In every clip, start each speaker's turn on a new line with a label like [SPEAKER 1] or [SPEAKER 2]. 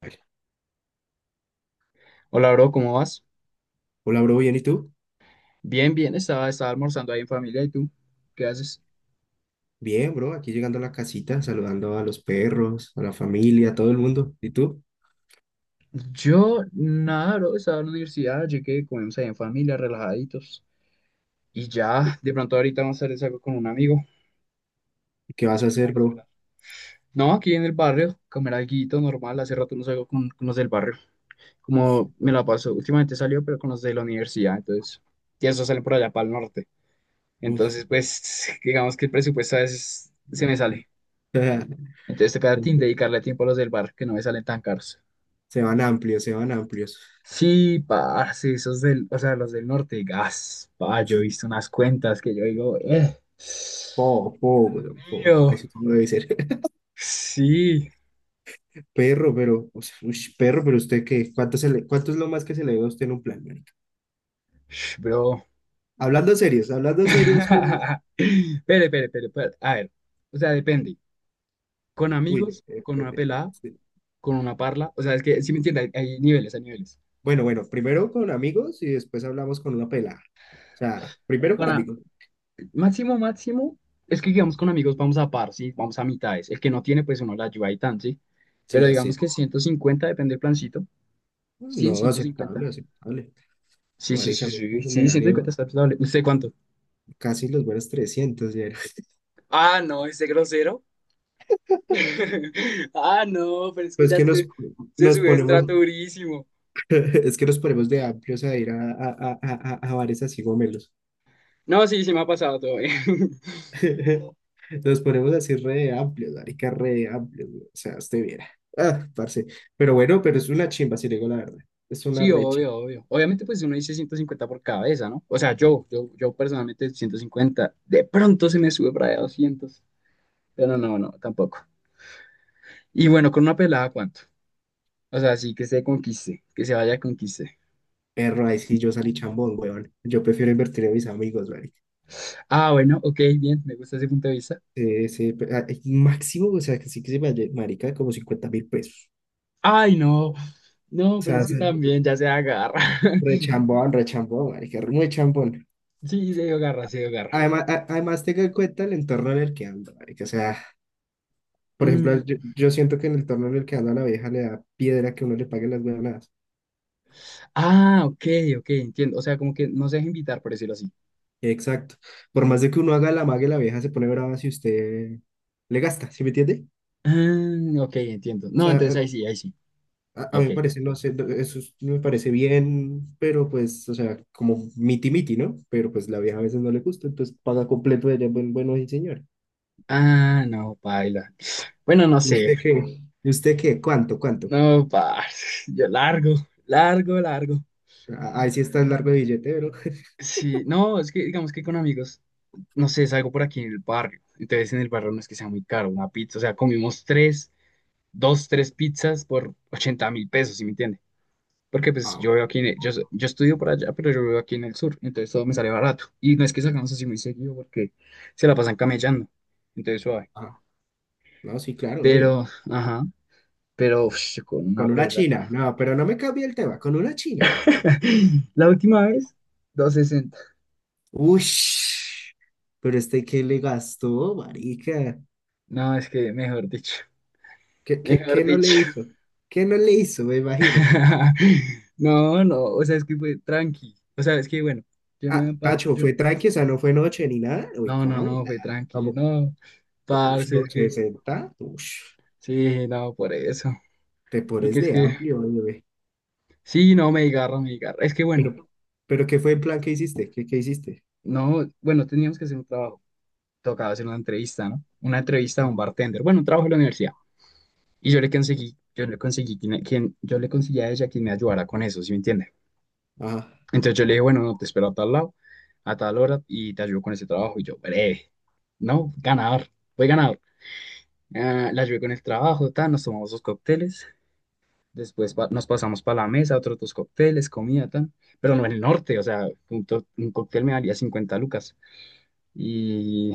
[SPEAKER 1] Vale.
[SPEAKER 2] Hola, bro, ¿cómo vas?
[SPEAKER 1] Hola, bro, ¿bien y tú?
[SPEAKER 2] Bien, bien, estaba almorzando ahí en familia. ¿Y tú? ¿Qué haces?
[SPEAKER 1] Bien, bro, aquí llegando a la casita, saludando a los perros, a la familia, a todo el mundo. ¿Y tú?
[SPEAKER 2] Yo, nada, bro, estaba en la universidad, llegué, comimos ahí en familia, relajaditos. Y ya, de pronto ahorita más tarde salgo con un amigo.
[SPEAKER 1] ¿Qué vas a
[SPEAKER 2] Esperar,
[SPEAKER 1] hacer, bro?
[SPEAKER 2] esperar. No, aquí en el barrio, comer alguito normal. Hace rato no salgo con los del barrio.
[SPEAKER 1] Uf,
[SPEAKER 2] Como me la paso, últimamente salió, pero con los de la universidad, entonces. Y esos salen por allá, para el norte.
[SPEAKER 1] uf,
[SPEAKER 2] Entonces,
[SPEAKER 1] bro.
[SPEAKER 2] pues, digamos que el presupuesto a veces se me sale. Entonces, toca dedicarle tiempo a los del barrio, que no me salen tan caros.
[SPEAKER 1] Se van amplios, se van amplios.
[SPEAKER 2] Sí, parce, esos del, o sea, los del norte, gas, pa, yo he
[SPEAKER 1] Sí.
[SPEAKER 2] visto unas cuentas que yo digo,
[SPEAKER 1] Po, po, bro, po.
[SPEAKER 2] mío,
[SPEAKER 1] Así como debe ser.
[SPEAKER 2] sí,
[SPEAKER 1] Perro, pero, o sea, ush, perro, pero usted qué, cuánto es lo más que se le ve a usted en un plan, marica?
[SPEAKER 2] bro.
[SPEAKER 1] Hablando serios, amigos.
[SPEAKER 2] Espere, espere, espere, espere, a ver, o sea, depende, con
[SPEAKER 1] Uy,
[SPEAKER 2] amigos, con una pelada,
[SPEAKER 1] sí.
[SPEAKER 2] con una parla, o sea, es que, ¿si me entiendes? Hay niveles, hay niveles.
[SPEAKER 1] Bueno, bueno, primero con amigos y después hablamos con una pelada. O sea, primero
[SPEAKER 2] Con
[SPEAKER 1] con
[SPEAKER 2] a-
[SPEAKER 1] amigos.
[SPEAKER 2] Máximo, máximo, es que digamos con amigos vamos a par, sí, vamos a mitades, el que no tiene, pues uno la ayuda y tan, sí,
[SPEAKER 1] Sí,
[SPEAKER 2] pero
[SPEAKER 1] ya, sí.
[SPEAKER 2] digamos que 150 depende del plancito, cien,
[SPEAKER 1] No,
[SPEAKER 2] ciento
[SPEAKER 1] aceptable,
[SPEAKER 2] cincuenta.
[SPEAKER 1] aceptable.
[SPEAKER 2] Sí, sí,
[SPEAKER 1] Marica, a
[SPEAKER 2] sí,
[SPEAKER 1] mí
[SPEAKER 2] sí,
[SPEAKER 1] se
[SPEAKER 2] sí,
[SPEAKER 1] me han
[SPEAKER 2] 150
[SPEAKER 1] ido
[SPEAKER 2] está razonable. ¿Usted cuánto?
[SPEAKER 1] casi los buenos 300 ya.
[SPEAKER 2] Ah, no, ese grosero. Ah, no, pero es que
[SPEAKER 1] Pues
[SPEAKER 2] ya
[SPEAKER 1] que nos,
[SPEAKER 2] se
[SPEAKER 1] nos
[SPEAKER 2] sube de
[SPEAKER 1] ponemos,
[SPEAKER 2] estrato durísimo.
[SPEAKER 1] es que nos ponemos de amplios a ir a bares así gomelos.
[SPEAKER 2] No, sí, sí me ha pasado todo bien.
[SPEAKER 1] Nos ponemos así re amplios, marica, re amplios, güey. O sea, usted viera. Ah, parce. Pero bueno, pero es una chimba, si le digo la verdad. Es una
[SPEAKER 2] Sí,
[SPEAKER 1] re chimba.
[SPEAKER 2] obvio, obvio. Obviamente, pues uno dice 150 por cabeza, ¿no? O sea, yo personalmente 150. De pronto se me sube para allá 200. Pero no, no, tampoco. Y bueno, con una pelada, ¿cuánto? O sea, sí, que se conquiste, que se vaya a conquiste.
[SPEAKER 1] Perro, ahí sí yo salí chambón, weón. Yo prefiero invertir en mis amigos, marica.
[SPEAKER 2] Ah, bueno, ok, bien, me gusta ese punto de vista.
[SPEAKER 1] Sí, sí, máximo, o sea, que sí, que se me halle- marica como 50.000 pesos.
[SPEAKER 2] Ay, no, no,
[SPEAKER 1] O
[SPEAKER 2] pero
[SPEAKER 1] sea,
[SPEAKER 2] es que también ya se agarra.
[SPEAKER 1] rechambón, rechambón, marica, muy chambón.
[SPEAKER 2] Sí, se dio garra, se dio garra.
[SPEAKER 1] Además, además tenga en cuenta el entorno en el que ando, marica. O sea, por ejemplo,
[SPEAKER 2] Mm,
[SPEAKER 1] yo siento que en el entorno en el que ando a la vieja le da piedra que uno le pague las huevonadas.
[SPEAKER 2] ah, ok, ok, entiendo. O sea, como que no se deja invitar, por decirlo así.
[SPEAKER 1] Exacto. Por más de que uno haga la mague, la vieja se pone brava si usted le gasta, ¿sí me entiende?
[SPEAKER 2] Ah, ok, entiendo.
[SPEAKER 1] O
[SPEAKER 2] No,
[SPEAKER 1] sea,
[SPEAKER 2] entonces
[SPEAKER 1] a,
[SPEAKER 2] ahí sí, ahí sí.
[SPEAKER 1] a- a mí
[SPEAKER 2] Ok.
[SPEAKER 1] me parece, no sé, me parece bien, pero pues, o sea, como miti miti, ¿no? Pero pues la vieja a veces no le gusta, entonces paga completo ella, bueno, y señor.
[SPEAKER 2] Ah, no, paila. Bueno, no
[SPEAKER 1] ¿Y usted
[SPEAKER 2] sé.
[SPEAKER 1] qué? ¿Y usted qué? ¿Cuánto? ¿Cuánto?
[SPEAKER 2] No, pa, yo largo, largo, largo.
[SPEAKER 1] Ah, ahí sí está el largo de billete, bro.
[SPEAKER 2] Sí, no, es que digamos que con amigos, no sé, salgo por aquí en el barrio. Entonces en el barrio no es que sea muy caro una pizza. O sea, comimos tres, dos, tres pizzas por 80.000 pesos, ¿sí me entiendes? Porque pues
[SPEAKER 1] Ah,
[SPEAKER 2] yo veo aquí, en el- yo,
[SPEAKER 1] ok.
[SPEAKER 2] so- yo estudio por allá, pero yo vivo aquí en el sur, entonces todo me sale barato. Y no es que salgamos así muy seguido porque se la pasan camellando, entonces suave.
[SPEAKER 1] Ah, no, sí, claro, obvio.
[SPEAKER 2] Pero, ajá, pero uf, yo con una
[SPEAKER 1] Con una
[SPEAKER 2] pela.
[SPEAKER 1] china, no, pero no me cambie el tema, con una china.
[SPEAKER 2] La última vez, 260.
[SPEAKER 1] Uy, pero este, ¿qué le gastó, marica?
[SPEAKER 2] No, es que mejor dicho,
[SPEAKER 1] ¿Qué, qué,
[SPEAKER 2] mejor
[SPEAKER 1] qué no le
[SPEAKER 2] dicho.
[SPEAKER 1] hizo? ¿Qué no le hizo, me imagino?
[SPEAKER 2] No, no, o sea, es que fue tranqui. O sea, es que bueno, yo no me
[SPEAKER 1] Ah,
[SPEAKER 2] par,
[SPEAKER 1] Tacho,
[SPEAKER 2] yo,
[SPEAKER 1] fue tranqui, o sea, no fue noche ni nada. Uy,
[SPEAKER 2] no, no,
[SPEAKER 1] ¿cómo?
[SPEAKER 2] no, fue tranqui, no,
[SPEAKER 1] Como, uy,
[SPEAKER 2] parce,
[SPEAKER 1] no,
[SPEAKER 2] es que,
[SPEAKER 1] 60. Uy,
[SPEAKER 2] sí, no, por eso.
[SPEAKER 1] te
[SPEAKER 2] Porque
[SPEAKER 1] pones
[SPEAKER 2] es
[SPEAKER 1] de
[SPEAKER 2] que,
[SPEAKER 1] amplio, bebé.
[SPEAKER 2] sí, no, me desgarra, me desgarra. Es que bueno,
[SPEAKER 1] Pero, pero ¿qué fue el plan que hiciste? ¿Qué hiciste?
[SPEAKER 2] no, bueno, teníamos que hacer un trabajo. Tocaba hacer una entrevista, ¿no? Una entrevista a un
[SPEAKER 1] Ah,
[SPEAKER 2] bartender. Bueno, un trabajo en la universidad. Y yo le conseguí a ella quien me ayudara con eso, ¿sí me entiende?
[SPEAKER 1] ajá.
[SPEAKER 2] Entonces yo le dije, bueno, no, te espero a tal lado, a tal hora y te ayudo con ese trabajo. Y yo, breve, no, ganador, fue ganador. Ah, la ayudé con el trabajo, tal, nos tomamos dos cócteles. Después nos pasamos para la mesa, otros dos cócteles, comida, tal. Pero no en el norte, o sea, un cóctel me valía 50 lucas. Y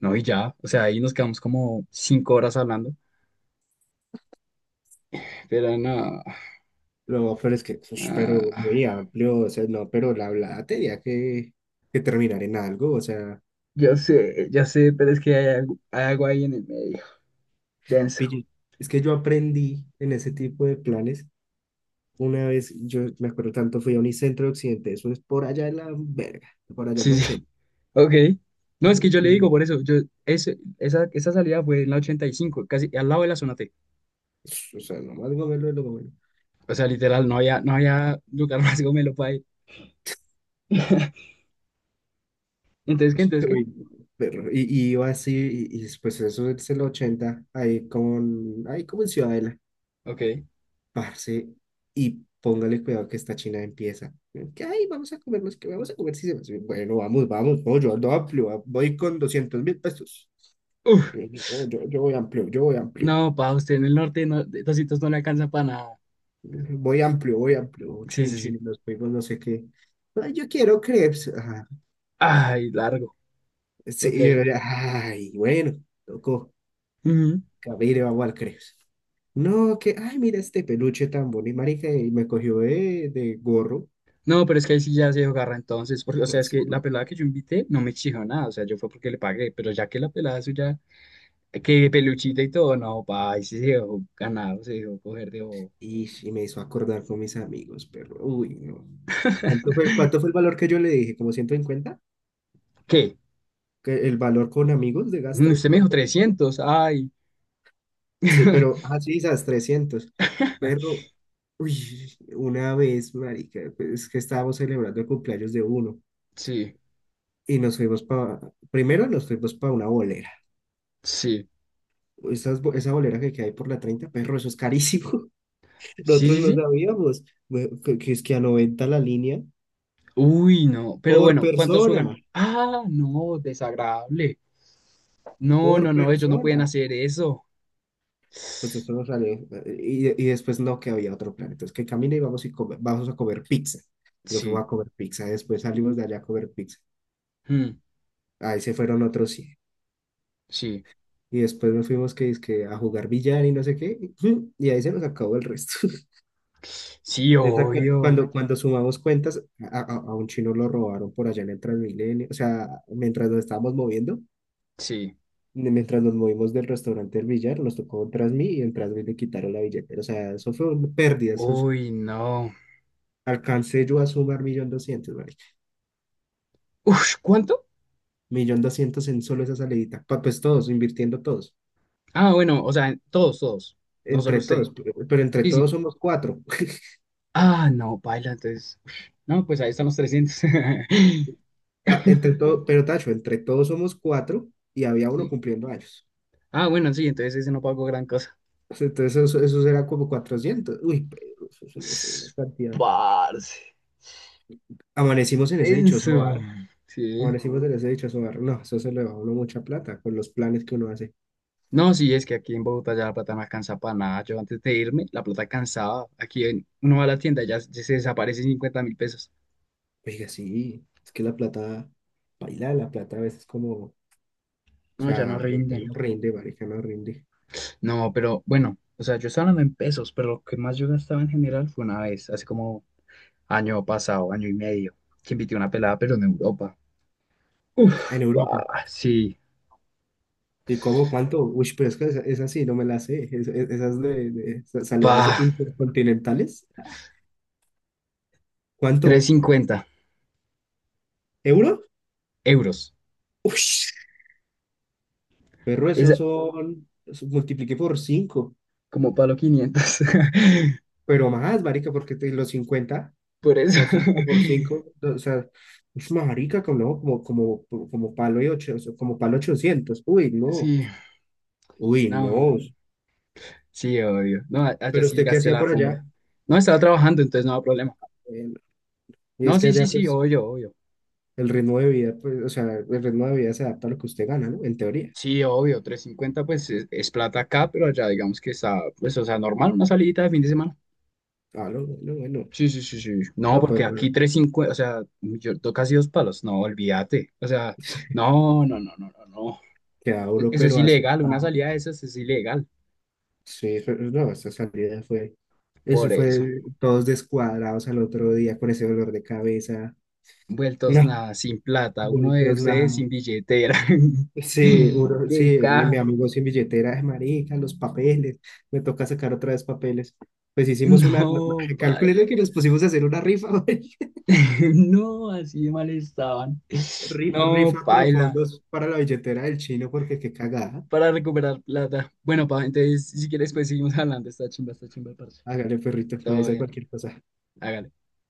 [SPEAKER 2] no, y ya, o sea, ahí nos quedamos como 5 horas hablando. Pero no,
[SPEAKER 1] Lo peor es que, ush, pero
[SPEAKER 2] ah,
[SPEAKER 1] muy amplio, o sea, no, pero la hablada tenía que terminar en algo, o sea,
[SPEAKER 2] ya sé, pero es que hay algo ahí en el medio, denso.
[SPEAKER 1] pille- es que yo aprendí en ese tipo de planes, una vez, yo me acuerdo tanto, fui a Unicentro de Occidente, eso es por allá en la verga, por allá en la
[SPEAKER 2] Sí, sí,
[SPEAKER 1] 80,
[SPEAKER 2] ok. No, es que yo le
[SPEAKER 1] y,
[SPEAKER 2] digo por eso, yo, esa salida fue en la 85 casi al lado de la zona T.
[SPEAKER 1] pues, o sea, nomás gomelo de lo gomelo.
[SPEAKER 2] O sea, literal, no había lugar más gomelo para ir. ¿Entonces qué? ¿Entonces qué?
[SPEAKER 1] Uy, perro, y iba así, pues eso es el 80 ahí con, ahí como en Ciudadela.
[SPEAKER 2] Ok.
[SPEAKER 1] Parce, y póngale cuidado que esta china empieza. Que, ay, vamos a comernos, que vamos a comer. Sí, sí, bueno, vamos, vamos, no, yo ando amplio, voy con 200.000 pesos. Y
[SPEAKER 2] Uf,
[SPEAKER 1] Yo, no, yo voy amplio, yo voy amplio.
[SPEAKER 2] no, pa, usted en el norte no, 200 no le alcanza para nada.
[SPEAKER 1] Voy amplio, voy amplio. Oh,
[SPEAKER 2] Sí,
[SPEAKER 1] chin,
[SPEAKER 2] sí,
[SPEAKER 1] chin,
[SPEAKER 2] sí.
[SPEAKER 1] y nos fuimos, no sé qué. Ay, yo quiero crepes. Ah,
[SPEAKER 2] Ay, largo.
[SPEAKER 1] sí,
[SPEAKER 2] Ok.
[SPEAKER 1] y yo, ay, bueno, tocó.
[SPEAKER 2] Ujú.
[SPEAKER 1] Camine, vamos al crepes. No, que, ay, mira este peluche tan bonito, marica, y me cogió de, gorro.
[SPEAKER 2] No, pero es que ahí sí ya se agarra entonces, porque, o sea, es que la pelada que yo invité no me exigió nada, o sea, yo fue porque le pagué, pero ya que la pelada suya, que peluchita y todo, no, pa, ahí sí se dejó ganar, se dejó coger de bobo.
[SPEAKER 1] Y me hizo acordar con mis amigos, pero uy, no. ¿Cuánto fue el valor que yo le dije? ¿Como 150?
[SPEAKER 2] ¿Qué?
[SPEAKER 1] ¿Que El valor con amigos de
[SPEAKER 2] Mm,
[SPEAKER 1] gasto?
[SPEAKER 2] usted me dijo
[SPEAKER 1] ¿Cuánto vale?
[SPEAKER 2] 300, ay.
[SPEAKER 1] Sí, pero, sí, esas 300. Pero, uy, una vez, marica, pues, es que estábamos celebrando el cumpleaños de uno
[SPEAKER 2] Sí,
[SPEAKER 1] y primero nos fuimos para una bolera.
[SPEAKER 2] sí,
[SPEAKER 1] Esa bolera que hay por la 30, perro, eso es carísimo.
[SPEAKER 2] sí,
[SPEAKER 1] Nosotros
[SPEAKER 2] sí,
[SPEAKER 1] no
[SPEAKER 2] sí.
[SPEAKER 1] sabíamos, que es que a 90 la línea
[SPEAKER 2] Uy, no, pero
[SPEAKER 1] por
[SPEAKER 2] bueno, ¿cuántos juegan?
[SPEAKER 1] persona,
[SPEAKER 2] Ah, no, desagradable. No, no,
[SPEAKER 1] por
[SPEAKER 2] no, ellos no pueden
[SPEAKER 1] persona.
[SPEAKER 2] hacer eso.
[SPEAKER 1] Pues eso no salió. Y después no, que había otro plan. Entonces, que camine y vamos, vamos a comer pizza. Y nos fuimos
[SPEAKER 2] Sí,
[SPEAKER 1] a comer pizza. Después salimos de allá a comer pizza.
[SPEAKER 2] mm,
[SPEAKER 1] Ahí se fueron otros 100.
[SPEAKER 2] sí,
[SPEAKER 1] Y después nos fuimos que a jugar billar y no sé qué. Y ahí se nos acabó el resto.
[SPEAKER 2] sí,
[SPEAKER 1] Esa cu-
[SPEAKER 2] obvio,
[SPEAKER 1] cuando, cuando sumamos cuentas, a un chino lo robaron por allá en el Transmilenio. O sea, mientras nos estábamos moviendo,
[SPEAKER 2] sí.
[SPEAKER 1] mientras nos movimos del restaurante del billar, nos tocó un Transmi y en Transmi le quitaron la billetera. O sea, eso fue una pérdida.
[SPEAKER 2] Uy, no.
[SPEAKER 1] Alcancé yo a sumar 1.200.000, marica.
[SPEAKER 2] Uf, ¿cuánto?
[SPEAKER 1] Millón doscientos en solo esa salidita. Pues todos, invirtiendo todos.
[SPEAKER 2] Ah, bueno, o sea, todos, todos. No solo
[SPEAKER 1] Entre
[SPEAKER 2] usted.
[SPEAKER 1] todos, pero entre
[SPEAKER 2] Sí, sí.
[SPEAKER 1] todos somos cuatro.
[SPEAKER 2] Ah, no, paila, entonces. Uf, no, pues ahí están los 300.
[SPEAKER 1] Ah, entre todo, pero Tacho, entre todos somos cuatro y había uno
[SPEAKER 2] Sí.
[SPEAKER 1] cumpliendo años.
[SPEAKER 2] Ah, bueno, sí, entonces ese no pago gran cosa.
[SPEAKER 1] O Entonces eso era como 400. Uy, pero eso es una
[SPEAKER 2] Ss,
[SPEAKER 1] cantidad.
[SPEAKER 2] parce.
[SPEAKER 1] Amanecimos en ese dichoso
[SPEAKER 2] Eso.
[SPEAKER 1] bar.
[SPEAKER 2] Sí.
[SPEAKER 1] Amanecimos en ese dichoso bar. No, eso se le va a uno mucha plata con los planes que uno hace.
[SPEAKER 2] No, sí, es que aquí en Bogotá ya la plata no alcanza para nada. Yo antes de irme, la plata cansaba. Uno va a la tienda, y ya, ya se desaparecen 50.000 pesos.
[SPEAKER 1] Oiga, sí, es que la plata, baila, la plata a veces como. O
[SPEAKER 2] No, ya no
[SPEAKER 1] sea, ya
[SPEAKER 2] rinde.
[SPEAKER 1] no rinde, marica, no rinde.
[SPEAKER 2] No, pero bueno, o sea, yo estaba hablando en pesos, pero lo que más yo gastaba en general fue una vez, hace como año pasado, año y medio, que invité a una pelada, pero en Europa.
[SPEAKER 1] En
[SPEAKER 2] Uf,
[SPEAKER 1] Europa.
[SPEAKER 2] pa, sí,
[SPEAKER 1] ¿Y cómo? ¿Cuánto? Uy, pero es que esa sí, no me la sé. Esas de salidas
[SPEAKER 2] pa,
[SPEAKER 1] intercontinentales.
[SPEAKER 2] trescientos
[SPEAKER 1] ¿Cuánto?
[SPEAKER 2] cincuenta
[SPEAKER 1] ¿Euro?
[SPEAKER 2] euros.
[SPEAKER 1] Uy, perro,
[SPEAKER 2] Es
[SPEAKER 1] esos son, eso multipliqué por 5
[SPEAKER 2] como palo 500.
[SPEAKER 1] pero más, marica, porque los 50,
[SPEAKER 2] Por
[SPEAKER 1] o
[SPEAKER 2] eso,
[SPEAKER 1] sea, 5 por cinco, o sea, ush, marica, como, no, como palo y ocho, o sea, como palo 800. Uy, no,
[SPEAKER 2] sí,
[SPEAKER 1] uy,
[SPEAKER 2] no,
[SPEAKER 1] no.
[SPEAKER 2] sí, obvio. No, a- Allá
[SPEAKER 1] Pero
[SPEAKER 2] sí
[SPEAKER 1] usted, ¿qué
[SPEAKER 2] gasté
[SPEAKER 1] hacía
[SPEAKER 2] la
[SPEAKER 1] por allá?
[SPEAKER 2] funda. No, estaba trabajando, entonces no había problema.
[SPEAKER 1] Eh, y
[SPEAKER 2] No,
[SPEAKER 1] es que
[SPEAKER 2] sí, sí,
[SPEAKER 1] allá,
[SPEAKER 2] sí,
[SPEAKER 1] pues,
[SPEAKER 2] obvio, obvio.
[SPEAKER 1] el ritmo de vida, pues, o sea, el ritmo de vida se adapta a lo que usted gana, ¿no? En teoría.
[SPEAKER 2] Sí, obvio, 350, pues es plata acá, pero allá digamos que está, pues, o sea, normal, una salidita de fin de semana.
[SPEAKER 1] Ah, no, bueno, bueno.
[SPEAKER 2] Sí, sí, sí, sí. No,
[SPEAKER 1] No,
[SPEAKER 2] porque
[SPEAKER 1] pues,
[SPEAKER 2] aquí
[SPEAKER 1] bueno,
[SPEAKER 2] 350, o sea, casi dos palos, no, olvídate. O sea, no, no, no, no, no, no.
[SPEAKER 1] queda duro,
[SPEAKER 2] Eso es
[SPEAKER 1] pero
[SPEAKER 2] ilegal, una
[SPEAKER 1] asustado.
[SPEAKER 2] salida de esas es ilegal.
[SPEAKER 1] Sí, no, esa salida fue, eso
[SPEAKER 2] Por eso,
[SPEAKER 1] fue todos descuadrados al otro día con ese dolor de cabeza.
[SPEAKER 2] vueltos
[SPEAKER 1] No,
[SPEAKER 2] nada, sin plata, uno de
[SPEAKER 1] vueltos nada.
[SPEAKER 2] ustedes sin billetera.
[SPEAKER 1] Sí,
[SPEAKER 2] Qué
[SPEAKER 1] sí, mi
[SPEAKER 2] caja.
[SPEAKER 1] amigo sin billetera, "Ay, marica, los papeles, me toca sacar otra vez papeles." Pues hicimos una,
[SPEAKER 2] No, paila.
[SPEAKER 1] calculé que nos pusimos a hacer una rifa.
[SPEAKER 2] No, así de mal estaban.
[SPEAKER 1] Ri-
[SPEAKER 2] No,
[SPEAKER 1] Rifa
[SPEAKER 2] paila.
[SPEAKER 1] profundos para la billetera del chino porque qué cagada.
[SPEAKER 2] Para recuperar plata. Bueno, pa, entonces, si quieres, pues seguimos hablando. Está chimba, parce.
[SPEAKER 1] Hágale perrito, me
[SPEAKER 2] Todo
[SPEAKER 1] dice
[SPEAKER 2] bien,
[SPEAKER 1] cualquier cosa.
[SPEAKER 2] hágale.